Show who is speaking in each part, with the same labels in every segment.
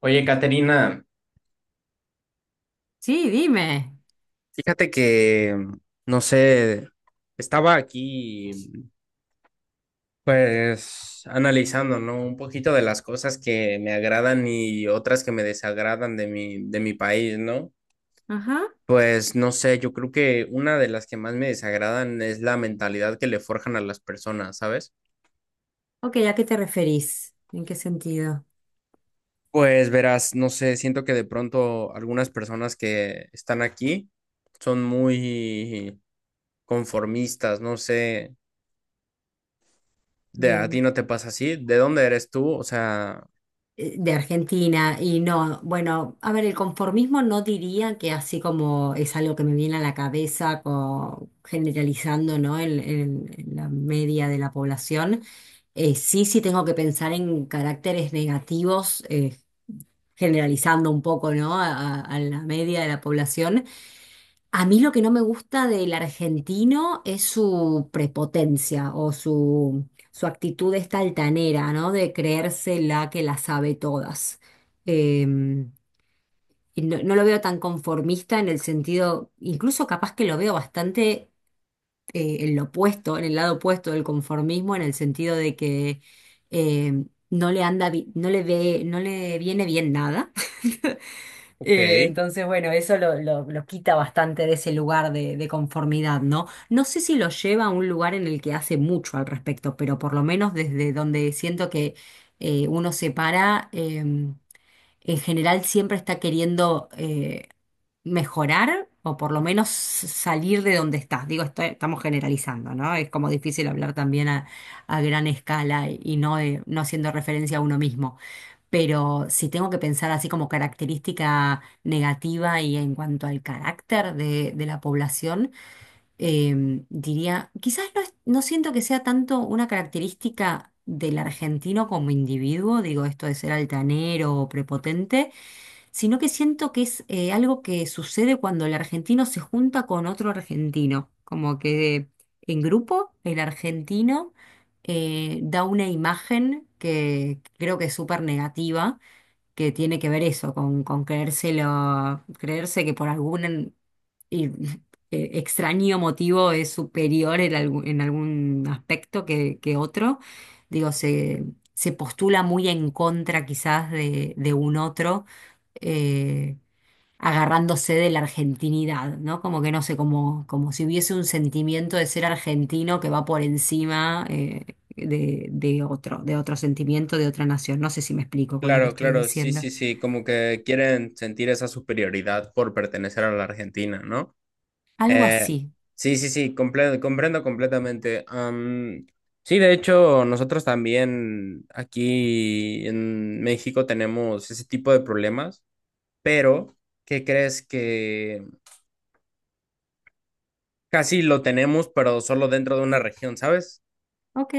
Speaker 1: Oye, Caterina,
Speaker 2: Sí, dime.
Speaker 1: fíjate que, no sé, estaba aquí pues analizando, ¿no? Un poquito de las cosas que me agradan y otras que me desagradan de mi país, ¿no?
Speaker 2: Ajá.
Speaker 1: Pues no sé, yo creo que una de las que más me desagradan es la mentalidad que le forjan a las personas, ¿sabes?
Speaker 2: Ok, ¿a qué te referís? ¿En qué sentido?
Speaker 1: Pues verás, no sé, siento que de pronto algunas personas que están aquí son muy conformistas, no sé. De a ti
Speaker 2: Bien.
Speaker 1: no te pasa así, ¿de dónde eres tú? O sea,
Speaker 2: De Argentina y no, bueno, a ver, el conformismo no diría que así como es algo que me viene a la cabeza generalizando, ¿no? En la media de la población. Sí, tengo que pensar en caracteres negativos, generalizando un poco, ¿no? A la media de la población. A mí lo que no me gusta del argentino es su prepotencia o su actitud esta altanera, ¿no? De creerse la que la sabe todas. Em, y no, no lo veo tan conformista en el sentido, incluso capaz que lo veo bastante en lo opuesto, en el lado opuesto del conformismo, en el sentido de que no le anda, no le ve, no le viene bien nada.
Speaker 1: ok,
Speaker 2: Entonces, bueno, eso lo quita bastante de ese lugar de conformidad, ¿no? No sé si lo lleva a un lugar en el que hace mucho al respecto, pero por lo menos desde donde siento que uno se para, en general siempre está queriendo mejorar o por lo menos salir de donde está. Digo, estamos generalizando, ¿no? Es como difícil hablar también a gran escala y no, no haciendo referencia a uno mismo. Pero si tengo que pensar así como característica negativa y en cuanto al carácter de la población, diría, quizás no, no siento que sea tanto una característica del argentino como individuo, digo esto de ser altanero o prepotente, sino que siento que es algo que sucede cuando el argentino se junta con otro argentino, como que en grupo el argentino da una imagen que creo que es súper negativa, que tiene que ver eso, con creérselo, creerse que por algún y- extraño motivo es superior en algún aspecto que otro. Digo, se postula muy en contra quizás de un otro, eh, agarrándose de la argentinidad, ¿no? Como que no sé, como, como si hubiese un sentimiento de ser argentino que va por encima, de otro sentimiento, de otra nación. No sé si me explico con lo que
Speaker 1: claro,
Speaker 2: estoy
Speaker 1: claro, sí,
Speaker 2: diciendo.
Speaker 1: sí, sí, como que quieren sentir esa superioridad por pertenecer a la Argentina, ¿no?
Speaker 2: Algo
Speaker 1: Eh,
Speaker 2: así,
Speaker 1: sí, sí, sí, comprendo completamente. Sí, de hecho, nosotros también aquí en México tenemos ese tipo de problemas, pero ¿qué crees que casi lo tenemos, pero solo dentro de una región, ¿sabes?
Speaker 2: ¿ok?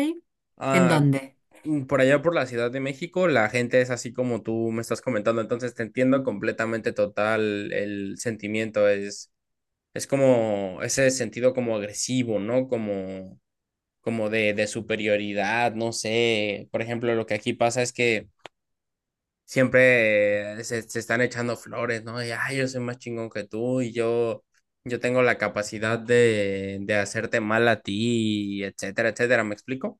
Speaker 2: ¿En
Speaker 1: Ah,
Speaker 2: dónde?
Speaker 1: Por allá por la Ciudad de México, la gente es así como tú me estás comentando, entonces te entiendo completamente total el sentimiento, es como ese sentido como agresivo, ¿no? Como, como de superioridad, no sé, por ejemplo, lo que aquí pasa es que siempre se están echando flores, ¿no? Y, ay, yo soy más chingón que tú y yo tengo la capacidad de hacerte mal a ti, etcétera, etcétera, ¿me explico?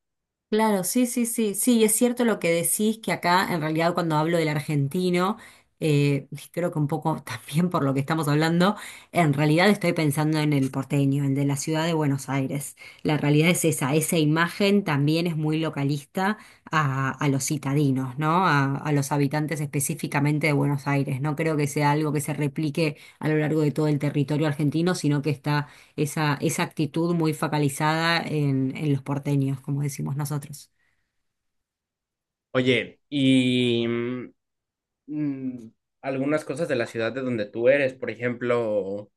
Speaker 2: Claro, sí, sí, sí, sí, es cierto lo que decís, que acá en realidad cuando hablo del argentino, y creo que un poco también por lo que estamos hablando, en realidad estoy pensando en el porteño, el de la ciudad de Buenos Aires. La realidad es esa, esa imagen también es muy localista a los citadinos, ¿no? A los habitantes específicamente de Buenos Aires. No creo que sea algo que se replique a lo largo de todo el territorio argentino, sino que está esa, esa actitud muy focalizada en los porteños, como decimos nosotros.
Speaker 1: Oye, y mm, algunas cosas de la ciudad de donde tú eres, por ejemplo,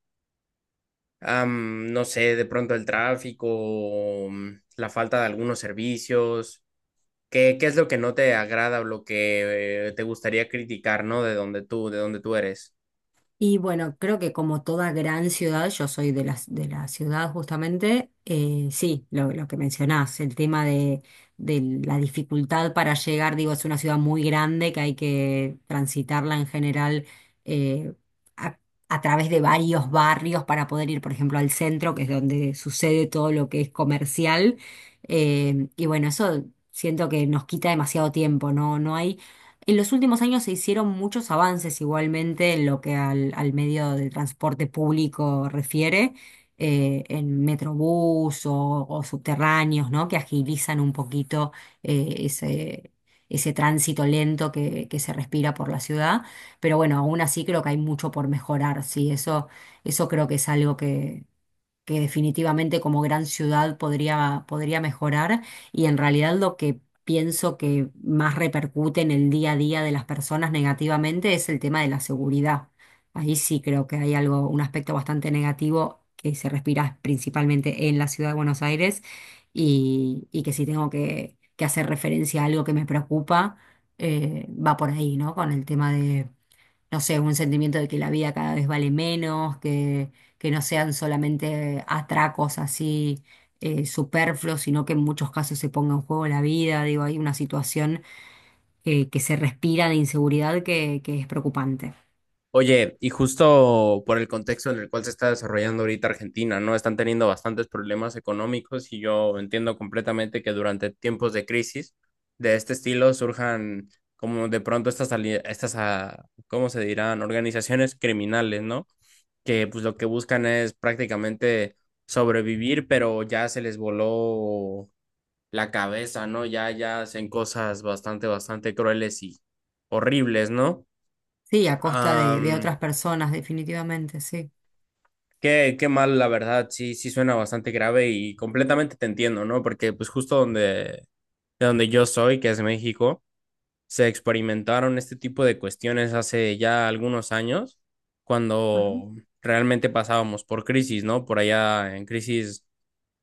Speaker 1: no sé, de pronto el tráfico, la falta de algunos servicios. ¿Qué, qué es lo que no te agrada o lo que te gustaría criticar, ¿no? De donde tú eres.
Speaker 2: Y bueno, creo que como toda gran ciudad, yo soy de la ciudad justamente, sí, lo que mencionás, el tema de la dificultad para llegar, digo, es una ciudad muy grande que hay que transitarla en general eh, a, a través de varios barrios para poder ir, por ejemplo, al centro, que es donde sucede todo lo que es comercial. Y bueno, eso siento que nos quita demasiado tiempo, ¿no? No hay, en los últimos años se hicieron muchos avances igualmente en lo que al, al medio de transporte público refiere, en metrobús o subterráneos, ¿no? Que agilizan un poquito ese, ese tránsito lento que se respira por la ciudad. Pero bueno, aún así creo que hay mucho por mejorar, sí, eso creo que es algo que definitivamente como gran ciudad podría, podría mejorar, y en realidad lo que pienso que más repercute en el día a día de las personas negativamente es el tema de la seguridad. Ahí sí creo que hay algo, un aspecto bastante negativo que se respira principalmente en la ciudad de Buenos Aires y que si tengo que hacer referencia a algo que me preocupa, va por ahí, ¿no? Con el tema de no sé, un sentimiento de que la vida cada vez vale menos, que no sean solamente atracos así superfluos, sino que en muchos casos se ponga en juego la vida. Digo, hay una situación que se respira de inseguridad que es preocupante.
Speaker 1: Oye, y justo por el contexto en el cual se está desarrollando ahorita Argentina, ¿no? Están teniendo bastantes problemas económicos y yo entiendo completamente que durante tiempos de crisis de este estilo surjan como de pronto estas, ah, ¿cómo se dirán? Organizaciones criminales, ¿no? Que pues lo que buscan es prácticamente sobrevivir, pero ya se les voló la cabeza, ¿no? Ya, ya hacen cosas bastante, bastante crueles y horribles, ¿no?
Speaker 2: Sí, a costa de otras personas, definitivamente, sí.
Speaker 1: Qué, qué mal, la verdad, sí, sí suena bastante grave y completamente te entiendo, ¿no? Porque pues justo donde, de donde yo soy, que es México, se experimentaron este tipo de cuestiones hace ya algunos años,
Speaker 2: Ajá.
Speaker 1: cuando realmente pasábamos por crisis, ¿no? Por allá en crisis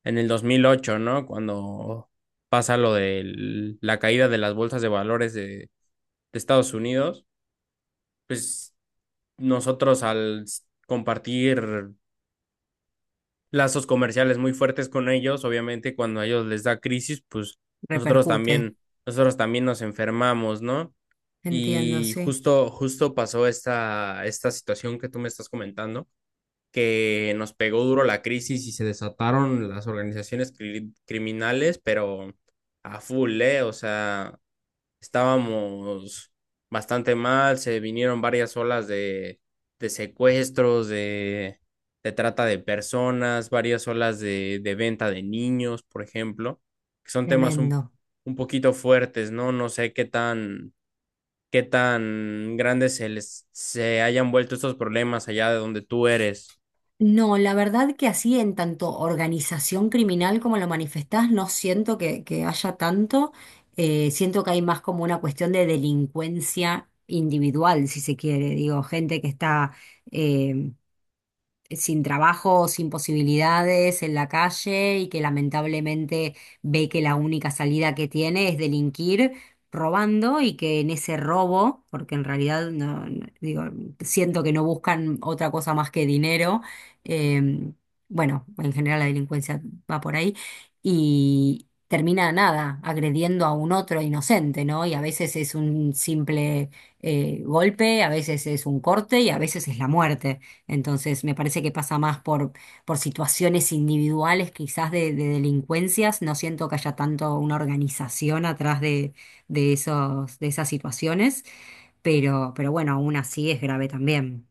Speaker 1: en el 2008, ¿no? Cuando pasa lo de la caída de las bolsas de valores de Estados Unidos, pues nosotros al compartir lazos comerciales muy fuertes con ellos. Obviamente, cuando a ellos les da crisis, pues nosotros
Speaker 2: Repercute.
Speaker 1: también, nosotros también nos enfermamos, ¿no?
Speaker 2: Entiendo,
Speaker 1: Y
Speaker 2: sí.
Speaker 1: justo, justo pasó esta situación que tú me estás comentando, que nos pegó duro la crisis y se desataron las organizaciones criminales, pero a full, ¿eh? O sea, estábamos bastante mal, se vinieron varias olas de secuestros, de trata de personas, varias olas de venta de niños, por ejemplo, que son temas
Speaker 2: Tremendo.
Speaker 1: un poquito fuertes, ¿no? No sé qué tan grandes se hayan vuelto estos problemas allá de donde tú eres.
Speaker 2: No, la verdad que así en tanto organización criminal como lo manifestás, no siento que haya tanto. Siento que hay más como una cuestión de delincuencia individual, si se quiere. Digo, gente que está eh, sin trabajo, sin posibilidades en la calle y que lamentablemente ve que la única salida que tiene es delinquir robando y que en ese robo, porque en realidad digo, siento que no buscan otra cosa más que dinero, eh, bueno, en general la delincuencia va por ahí y termina nada, agrediendo a un otro inocente, ¿no? Y a veces es un simple golpe, a veces es un corte y a veces es la muerte. Entonces, me parece que pasa más por situaciones individuales, quizás de delincuencias. No siento que haya tanto una organización atrás de esos, de esas situaciones, pero bueno, aún así es grave también.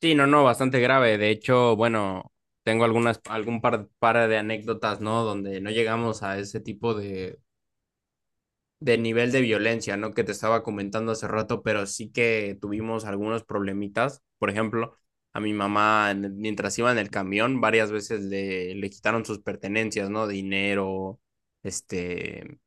Speaker 1: Sí, no, no, bastante grave. De hecho, bueno, tengo algunas, algún par, par de anécdotas, ¿no? Donde no llegamos a ese tipo de, del nivel de violencia, ¿no? Que te estaba comentando hace rato, pero sí que tuvimos algunos problemitas. Por ejemplo, a mi mamá, mientras iba en el camión, varias veces le quitaron sus pertenencias, ¿no? Dinero, este,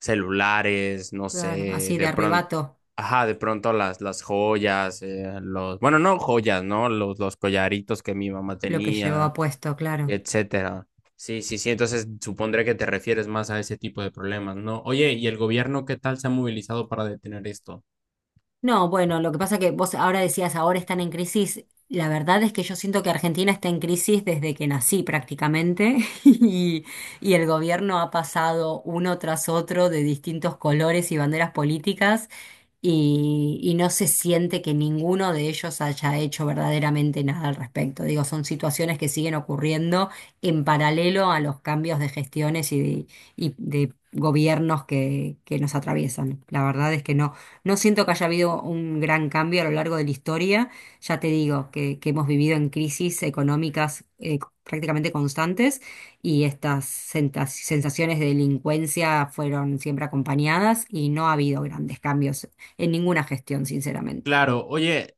Speaker 1: celulares, no
Speaker 2: Claro,
Speaker 1: sé,
Speaker 2: así de
Speaker 1: de pronto,
Speaker 2: arrebato
Speaker 1: ajá, de pronto las joyas, los, bueno, no joyas, ¿no? Los collaritos que mi mamá
Speaker 2: lo que
Speaker 1: tenía
Speaker 2: llevaba puesto, claro.
Speaker 1: etcétera. Sí, sí, sí. Entonces supondré que te refieres más a ese tipo de problemas, ¿no? Oye, ¿y el gobierno qué tal se ha movilizado para detener esto?
Speaker 2: No, bueno, lo que pasa que vos ahora decías, ahora están en crisis. La verdad es que yo siento que Argentina está en crisis desde que nací prácticamente y, y el gobierno ha pasado uno tras otro de distintos colores y banderas políticas y no se siente que ninguno de ellos haya hecho verdaderamente nada al respecto. Digo, son situaciones que siguen ocurriendo en paralelo a los cambios de gestiones y de gobiernos que nos atraviesan. La verdad es que no. No siento que haya habido un gran cambio a lo largo de la historia. Ya te digo que hemos vivido en crisis económicas prácticamente constantes y estas sensaciones de delincuencia fueron siempre acompañadas y no ha habido grandes cambios en ninguna gestión, sinceramente.
Speaker 1: Claro, oye,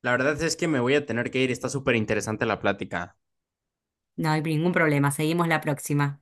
Speaker 1: la verdad es que me voy a tener que ir. Está súper interesante la plática.
Speaker 2: No hay ningún problema. Seguimos la próxima.